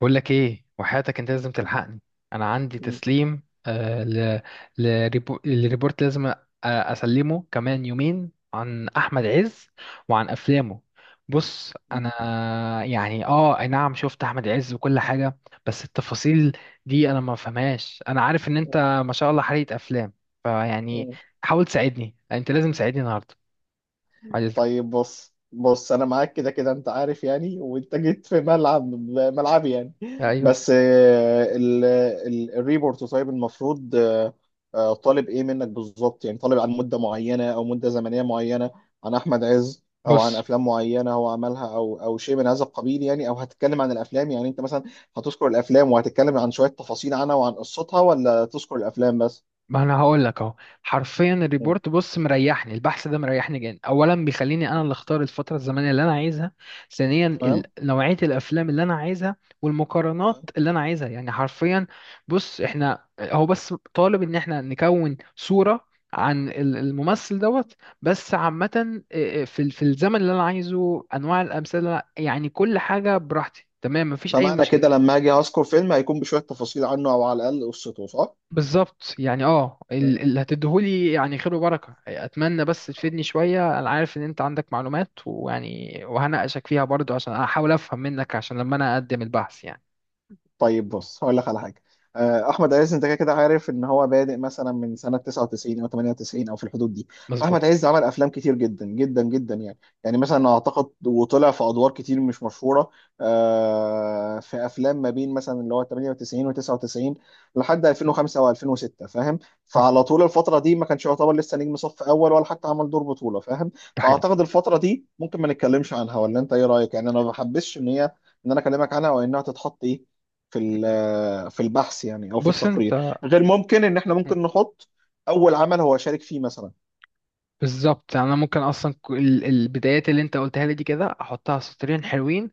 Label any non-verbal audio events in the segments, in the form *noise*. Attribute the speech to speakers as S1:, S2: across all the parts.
S1: بقول لك ايه وحياتك، انت لازم
S2: م-
S1: تلحقني. انا عندي تسليم ل... لريبو... لريبورت، لازم اسلمه كمان يومين عن احمد عز وعن افلامه. بص
S2: م-
S1: انا يعني اه اي نعم، شفت احمد عز وكل حاجه، بس التفاصيل دي انا ما فهمهاش. انا عارف ان انت ما شاء الله حريق افلام، فيعني
S2: م.
S1: حاول تساعدني، انت لازم تساعدني النهارده. عايز
S2: طيب، بص، انا معاك كده كده، انت عارف يعني، وانت جيت في ملعب ملعبي يعني.
S1: ايوه.
S2: بس الريبورت، طيب، المفروض طالب ايه منك بالظبط؟ يعني طالب عن مدة معينة او مدة زمنية معينة عن احمد عز، او عن
S1: بص
S2: افلام معينة هو عملها، او او شيء من هذا القبيل يعني، او هتتكلم عن الافلام؟ يعني انت مثلا هتذكر الافلام وهتتكلم عن شوية تفاصيل عنها وعن قصتها، ولا تذكر الافلام بس؟
S1: ما انا هقول لك اهو، حرفيا
S2: م.
S1: الريبورت بص مريحني، البحث ده مريحني جدا. اولا بيخليني انا اللي اختار الفتره الزمنيه اللي انا عايزها، ثانيا نوعيه الافلام اللي انا عايزها والمقارنات
S2: تمام.
S1: اللي انا عايزها، يعني حرفيا. بص احنا هو بس طالب ان احنا نكون صوره عن الممثل دوت بس، عامه إيه، في في الزمن اللي انا عايزه، انواع الامثله، يعني كل حاجه براحتي، تمام، مفيش اي
S2: فمعنى كده
S1: مشكله.
S2: لما اجي اذكر فيلم هيكون بشويه تفاصيل عنه او على الاقل قصته، صح؟
S1: بالظبط. يعني اه اللي هتديهولي يعني خير وبركة، اتمنى بس تفيدني شوية. انا عارف ان انت عندك معلومات، ويعني وهناقشك فيها برضو عشان احاول افهم منك، عشان لما انا اقدم البحث يعني.
S2: طيب بص، هقول لك على حاجه. احمد عز انت كده كده عارف ان هو بادئ مثلا من سنه 99 او 98 او في الحدود دي.
S1: مظبوط.
S2: فاحمد عز عمل افلام كتير جدا جدا جدا يعني، يعني مثلا اعتقد وطلع في ادوار كتير مش مشهوره. في افلام ما بين مثلا اللي هو 98 و99 لحد 2005 و2006، فاهم؟
S1: م.
S2: فعلى طول الفتره دي ما كانش يعتبر لسه نجم صف اول ولا حتى عمل دور بطوله، فاهم؟
S1: ده حقيقي.
S2: فاعتقد الفتره دي ممكن ما نتكلمش عنها، ولا انت ايه رايك؟ يعني انا ما بحبش ان هي، ان انا اكلمك عنها وانها تتحط ايه في البحث يعني او في
S1: بص
S2: التقرير.
S1: انت.
S2: غير ممكن ان احنا
S1: م.
S2: ممكن نحط اول عمل هو شارك فيه مثلا.
S1: بالظبط. يعني انا ممكن اصلا البدايات اللي انت قلتها لي دي كده احطها سطرين حلوين،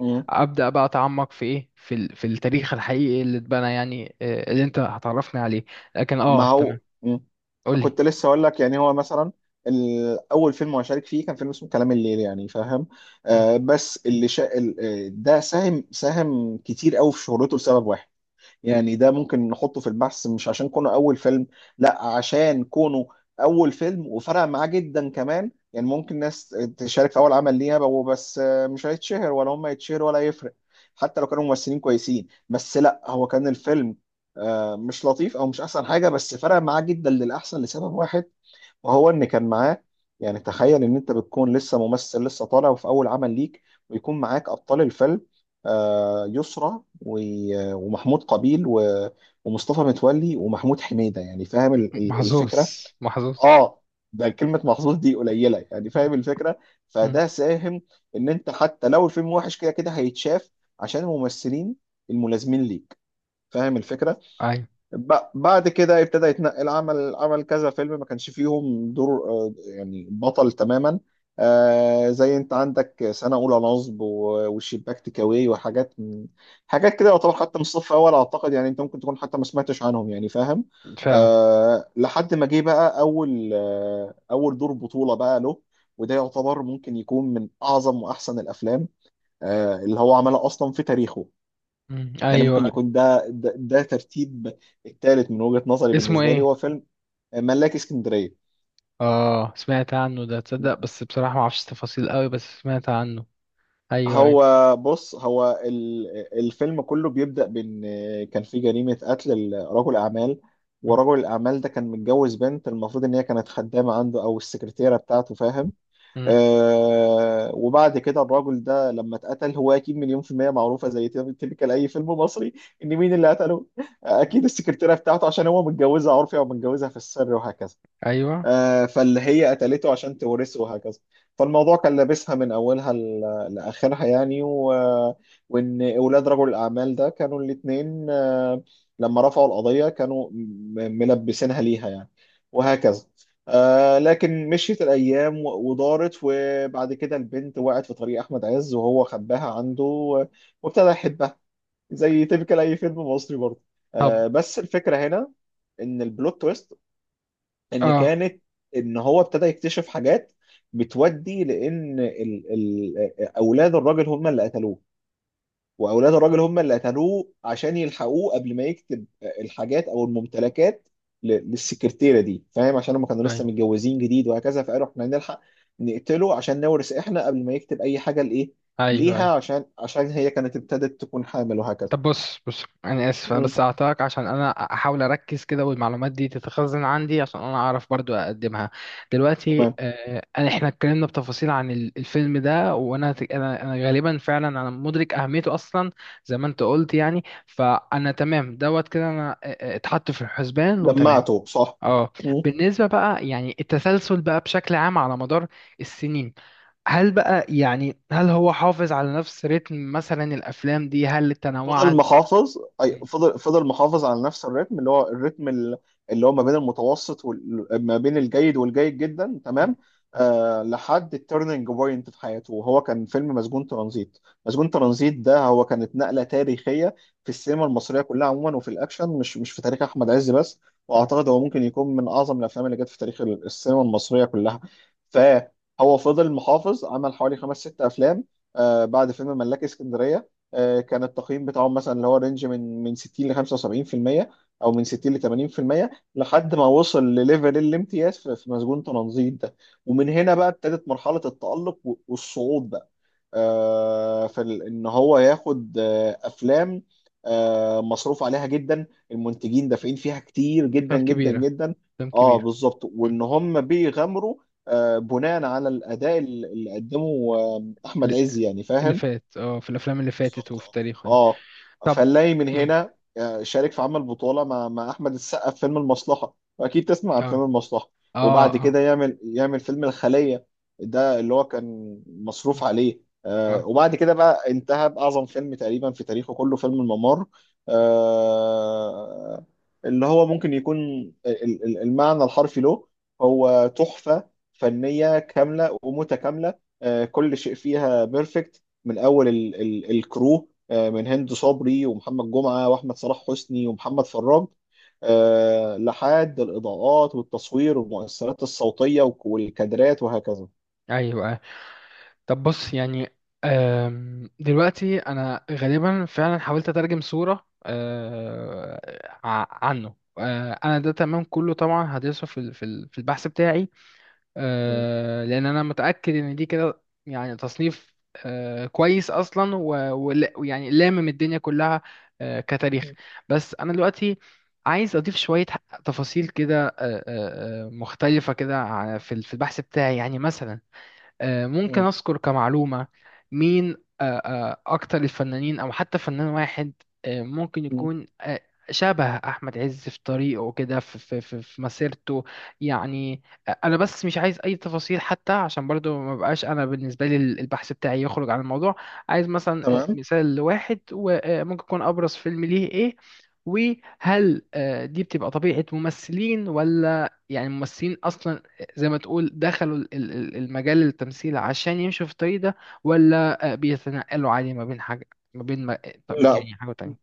S2: مم.
S1: بقى اتعمق في ايه، في في التاريخ الحقيقي اللي اتبنى، يعني آه، اللي انت هتعرفني عليه. لكن
S2: ما
S1: اه
S2: هو
S1: تمام.
S2: مم.
S1: قول لي.
S2: كنت لسه اقول لك. يعني هو مثلا اول فيلم هو شارك فيه كان فيلم اسمه كلام الليل، يعني فاهم؟
S1: م.
S2: آه بس اللي شا... ال- آه، ده ساهم ساهم كتير قوي في شهرته لسبب واحد. يعني ده ممكن نحطه في البحث، مش عشان كونه اول فيلم، لا عشان كونه اول فيلم وفرق معاه جدا كمان. يعني ممكن ناس تشارك في اول عمل ليها بقوا بس مش هيتشهر ولا هم يتشهروا ولا يفرق، حتى لو كانوا ممثلين كويسين. بس لا، هو كان الفيلم مش لطيف او مش احسن حاجه، بس فرق معاه جدا للاحسن لسبب واحد، وهو ان كان معاه. يعني تخيل ان انت بتكون لسه ممثل لسه طالع وفي اول عمل ليك، ويكون معاك ابطال الفيلم يسرى ومحمود قابيل ومصطفى متولي ومحمود حميدة، يعني فاهم
S1: محظوظ،
S2: الفكرة؟
S1: محظوظ.
S2: اه، ده كلمة محظوظ دي قليلة، يعني
S1: مم.
S2: فاهم الفكرة؟
S1: مم.
S2: فده ساهم ان انت حتى لو الفيلم وحش كده كده هيتشاف، عشان الممثلين الملازمين ليك، فاهم الفكرة؟
S1: ايوه.
S2: بعد كده ابتدى يتنقل، عمل كذا فيلم ما كانش فيهم دور يعني بطل تماما. زي انت عندك سنة أولى نصب والشباك تكاوي وحاجات حاجات كده، يعتبر حتى من الصف الأول، أعتقد. يعني أنت ممكن تكون حتى ما سمعتش عنهم، يعني فاهم؟
S1: فعلا.
S2: لحد ما جه بقى أول أول دور بطولة بقى له، وده يعتبر ممكن يكون من أعظم وأحسن الأفلام اللي هو عملها أصلا في تاريخه.
S1: مم.
S2: يعني ممكن
S1: ايوه.
S2: يكون ده ده ترتيب الثالث من وجهة نظري.
S1: اسمه
S2: بالنسبة لي
S1: ايه؟
S2: هو فيلم ملاك اسكندرية.
S1: اه سمعت عنه ده، تصدق بس بصراحة ما اعرفش تفاصيل قوي، بس سمعت عنه. ايوه، ايوه.
S2: هو بص، هو الفيلم كله بيبدأ بإن كان في جريمة قتل رجل أعمال،
S1: مم.
S2: ورجل الأعمال ده كان متجوز بنت، المفروض إن هي كانت خدامة عنده أو السكرتيرة بتاعته، فاهم؟
S1: مم.
S2: آه، وبعد كده الراجل ده لما اتقتل، هو أكيد مليون في المية معروفة زي تلك أي فيلم مصري، إن مين اللي قتله؟ أكيد السكرتيرة بتاعته، عشان هو متجوزها عرفي أو متجوزها في السر وهكذا.
S1: ايوه.
S2: فاللي هي قتلته عشان تورثه وهكذا. فالموضوع كان لابسها من اولها لاخرها يعني وان اولاد رجل الاعمال ده كانوا الاثنين لما رفعوا القضيه كانوا ملبسينها ليها يعني، وهكذا. آه، لكن مشيت الايام ودارت، وبعد كده البنت وقعت في طريق احمد عز، وهو خباها عنده وابتدى يحبها، زي تبكي اي فيلم مصري برضه. آه،
S1: طب.
S2: بس الفكره هنا ان البلوت تويست ان
S1: اه.
S2: كانت، ان هو ابتدى يكتشف حاجات بتودي لان ال ال اولاد الراجل هم اللي قتلوه. واولاد الراجل هم اللي قتلوه عشان يلحقوه قبل ما يكتب الحاجات او الممتلكات للسكرتيره دي، فاهم؟ عشان هم كانوا لسه
S1: ايوه،
S2: متجوزين جديد وهكذا، فقالوا احنا نلحق نقتله عشان نورث احنا قبل ما يكتب اي حاجه لايه
S1: ايوه،
S2: ليها،
S1: ايوه.
S2: عشان هي كانت ابتدت تكون حامل وهكذا.
S1: طب بص بص، انا اسف، انا
S2: مم.
S1: بس هقطعك عشان انا احاول اركز كده والمعلومات دي تتخزن عندي، عشان انا اعرف برضو اقدمها دلوقتي.
S2: تمام.
S1: آه، انا احنا اتكلمنا بتفاصيل عن الفيلم ده، وانا انا غالبا فعلا انا مدرك اهميته اصلا، زي ما انت قلت يعني. فانا تمام دوت كده، انا آه، آه، اتحط في الحسبان، وتمام.
S2: جمعته صح.
S1: اه. بالنسبة بقى يعني التسلسل بقى بشكل عام على مدار السنين، هل بقى يعني هل هو حافظ على نفس رتم مثلا؟ الأفلام دي هل
S2: فضل
S1: تنوعت؟
S2: محافظ، اي
S1: مم.
S2: فضل، محافظ على نفس الريتم، اللي هو اللي هو ما بين المتوسط ما بين الجيد والجيد جدا،
S1: مم.
S2: تمام. آه، لحد التيرنينج بوينت في حياته، وهو كان فيلم مسجون ترانزيت. مسجون ترانزيت ده هو كانت نقلة تاريخية في السينما المصرية كلها عموما، وفي الاكشن، مش في تاريخ احمد عز بس.
S1: مم.
S2: واعتقد هو ممكن يكون من اعظم الافلام اللي جت في تاريخ السينما المصرية كلها. فهو فضل محافظ، عمل حوالي خمس ست افلام بعد فيلم ملاك اسكندرية. كان التقييم بتاعهم مثلا اللي هو رينج من 60 ل 75%، او من 60 ل 80%، لحد ما وصل لليفل الامتياز في في مسجون تنظيم ده. ومن هنا بقى ابتدت مرحلة التألق والصعود بقى. ان هو ياخد افلام مصروف عليها جدا، المنتجين دافعين فيها كتير جدا
S1: أفلام
S2: جدا
S1: كبيرة،
S2: جدا.
S1: أفلام
S2: اه
S1: كبيرة.
S2: بالظبط،
S1: مم.
S2: وان هم بيغامروا بناء على الاداء اللي قدمه احمد
S1: اللي
S2: عز، يعني
S1: اللي
S2: فاهم؟
S1: فات، اه في الأفلام اللي فاتت
S2: بالظبط،
S1: وفي تاريخه يعني.
S2: اه، اه.
S1: طب.
S2: فنلاقي من
S1: مم.
S2: هنا شارك في عمل بطولة مع أحمد السقا في فيلم المصلحة، وأكيد تسمع عن فيلم
S1: اه،
S2: المصلحة.
S1: اه،
S2: وبعد
S1: اه.
S2: كده يعمل فيلم الخلية، ده اللي هو كان
S1: مم.
S2: مصروف عليه
S1: اه.
S2: وبعد كده بقى انتهى بأعظم فيلم تقريبا في تاريخه كله، فيلم الممر. آه، اللي هو ممكن يكون المعنى الحرفي له هو تحفة فنية كاملة ومتكاملة. كل شيء فيها بيرفكت، من اول ال ال الكرو من هند صبري ومحمد جمعه واحمد صلاح حسني ومحمد فراج، لحد الاضاءات والتصوير والمؤثرات الصوتيه والكادرات وهكذا.
S1: أيوه آه. طب بص يعني، آم، دلوقتي أنا غالبا فعلا حاولت أترجم صورة آه، عنه. آه، أنا ده تمام كله، طبعا هدرسه في في البحث بتاعي.
S2: م.
S1: آه، لان انا متاكد ان دي كده يعني تصنيف آه، كويس اصلا ويعني لامم الدنيا كلها آه، كتاريخ. بس انا دلوقتي عايز اضيف شويه تفاصيل كده آه، آه، آه، مختلفه كده في في البحث بتاعي، يعني مثلا آه، ممكن
S2: م.
S1: أذكر كمعلومة مين آه، آه، أكتر الفنانين أو حتى فنان واحد آه، ممكن
S2: م.
S1: يكون آه، شبه أحمد عز في طريقه كده في مسيرته. يعني آه، أنا بس مش عايز أي تفاصيل حتى، عشان برضو ما بقاش أنا بالنسبة لي البحث بتاعي يخرج عن الموضوع. عايز مثلا آه،
S2: تمام.
S1: مثال لواحد، وممكن يكون أبرز فيلم ليه إيه؟ وهل آه، دي بتبقى طبيعة ممثلين ولا يعني ممثلين أصلا زي ما تقول دخلوا المجال التمثيل عشان يمشوا في الطريق ده؟ ولا آه، بيتنقلوا عادي ما بين حاجة ما بين ما... طب
S2: لا،
S1: يعني حاجة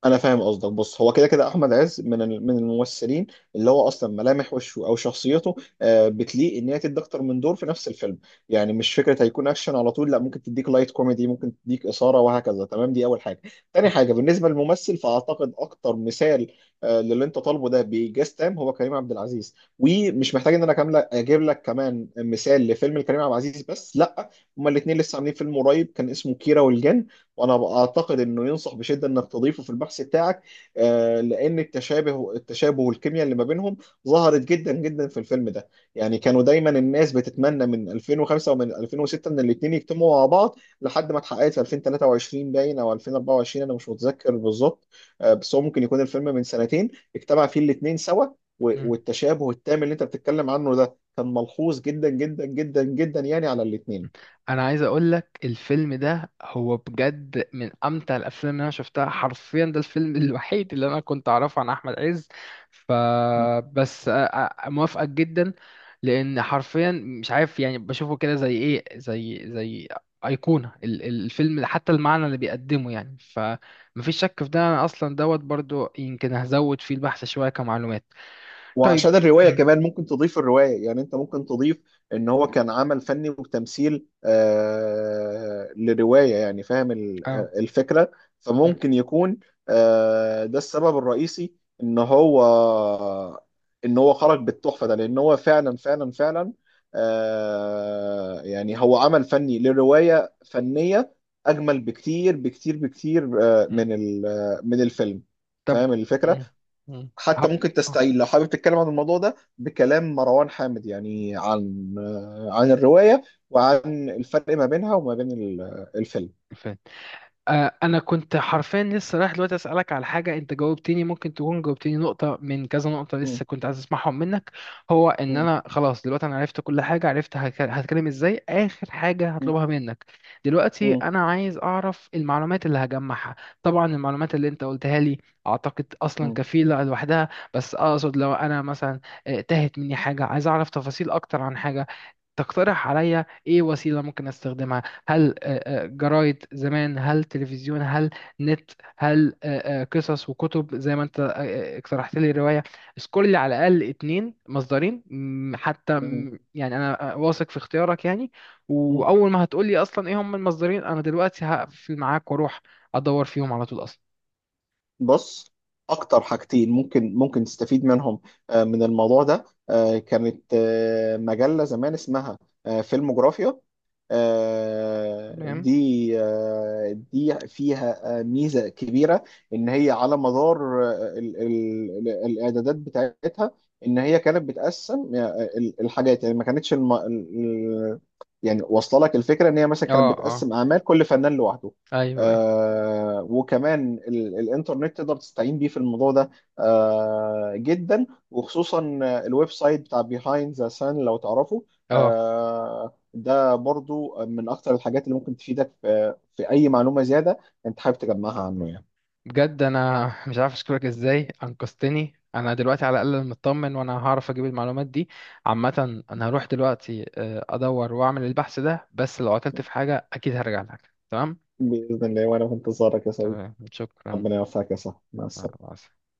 S2: انا فاهم قصدك. بص، هو كده كده احمد عز من من الممثلين اللي هو اصلا ملامح وشه او شخصيته بتليق ان هي تدي اكتر من دور في نفس الفيلم. يعني مش فكره هيكون اكشن على طول، لا، ممكن تديك لايت كوميدي، ممكن تديك اثاره وهكذا، تمام. دي اول حاجه. تاني حاجه بالنسبه للممثل، فاعتقد اكتر مثال للي انت طالبه ده بإيجاز تام هو كريم عبد العزيز، ومش محتاج ان انا كامله اجيب لك كمان مثال لفيلم لكريم عبد العزيز، بس لا، هما الاثنين لسه عاملين فيلم قريب كان اسمه كيرة والجن، وانا اعتقد انه ينصح بشده انك تضيفه في البحث بتاعك. لان التشابه، والكيمياء اللي ما بينهم ظهرت جدا جدا في الفيلم ده. يعني كانوا دايما الناس بتتمنى من 2005 ومن 2006 ان الاثنين يجتمعوا مع بعض، لحد ما اتحققت في 2023 باين او 2024، انا مش متذكر بالظبط. بس هو ممكن يكون الفيلم من سنتين اجتمع فيه الاثنين سوا،
S1: تانية.
S2: والتشابه التام اللي انت بتتكلم عنه ده كان ملحوظ جدا جدا جدا جدا، يعني على الاثنين.
S1: انا عايز اقول لك الفيلم ده هو بجد من امتع الافلام اللي انا شفتها حرفيا، ده الفيلم *laughs* الوحيد اللي انا كنت اعرفه عن احمد عز، فبس موافقك جدا، لان حرفيا مش عارف يعني بشوفه كده زي ايه، زي ايقونه الفيلم، حتى المعنى اللي بيقدمه يعني. فمفيش شك في ده، انا اصلا دوت برضو يمكن هزود فيه البحث شويه كمعلومات. طيب.
S2: وعشان الرواية
S1: امم.
S2: كمان ممكن تضيف الرواية، يعني انت ممكن تضيف ان هو كان عمل فني وتمثيل لرواية، يعني فاهم
S1: اه.
S2: الفكرة؟
S1: امم.
S2: فممكن يكون ده السبب الرئيسي ان هو، ان هو خرج بالتحفة ده، لان هو فعلا فعلا فعلا يعني هو عمل فني لرواية فنية اجمل بكتير بكتير بكتير آه
S1: أمم.
S2: من ال- آه، من الفيلم،
S1: طب.
S2: فاهم الفكرة؟
S1: امم. امم. أهو.
S2: حتى ممكن تستعيل لو حابب تتكلم عن الموضوع ده بكلام مروان حامد، يعني عن عن الرواية وعن الفرق ما بينها وما بين الفيلم.
S1: آه. آه، انا كنت حرفيا لسه رايح دلوقتي اسالك على حاجه، انت جاوبتني، ممكن تكون جاوبتني نقطه من كذا نقطه
S2: مم.
S1: لسه كنت عايز اسمعهم منك. هو ان
S2: مم.
S1: انا خلاص دلوقتي انا عرفت كل حاجه، عرفت هتكلم ازاي. اخر حاجه هطلبها منك دلوقتي،
S2: مم.
S1: انا عايز اعرف المعلومات اللي هجمعها. طبعا المعلومات اللي انت قلتها لي اعتقد اصلا
S2: مم.
S1: كفيله لوحدها، بس اقصد لو انا مثلا آه، تاهت مني حاجه، عايز اعرف تفاصيل اكتر عن حاجه، تقترح عليا ايه وسيله ممكن استخدمها؟ هل آه، آه، جرايد زمان، هل تلفزيون، هل نت، هل آه، آه، قصص وكتب زي ما انت آه، آه، اقترحت لي رواية؟ سكول على الأقل اتنين مصدرين مم، حتى
S2: مم.
S1: مم، يعني أنا آه، واثق في اختيارك يعني.
S2: مم.
S1: وأول ما هتقول لي أصلا إيه هم المصدرين، أنا دلوقتي هقفل معاك وأروح أدور فيهم على طول أصلا.
S2: بص، اكتر حاجتين ممكن تستفيد منهم من الموضوع ده كانت مجلة زمان اسمها فيلم جغرافيا.
S1: تمام.
S2: دي دي فيها ميزة كبيرة، إن هي على مدار الإعدادات بتاعتها، إن هي كانت بتقسم الحاجات، يعني ما كانتش يعني واصلة لك الفكرة، إن هي مثلا
S1: اه،
S2: كانت
S1: اه.
S2: بتقسم أعمال كل فنان لوحده.
S1: ايوه، ايوه.
S2: آه، وكمان الانترنت تقدر تستعين بيه في الموضوع ده، آه جدا. وخصوصا الويب سايت بتاع بيهايند ذا سان لو تعرفه.
S1: اه.
S2: آه، ده برضو من اكتر الحاجات اللي ممكن تفيدك في اي معلومة زيادة انت حابب تجمعها عنه يعني.
S1: بجد انا مش عارف اشكرك ازاي، انقذتني. انا دلوقتي على الاقل مطمن وانا هعرف اجيب المعلومات دي. عامه انا هروح دلوقتي آه، ادور واعمل البحث ده، بس لو عطلت في حاجه اكيد هرجع لك. تمام.
S2: بإذن الله، وانا في انتظارك يا صديقي.
S1: تمام، شكرا.
S2: ربنا يوفقك يا صاحبي، مع
S1: مع
S2: السلامة.
S1: السلامة.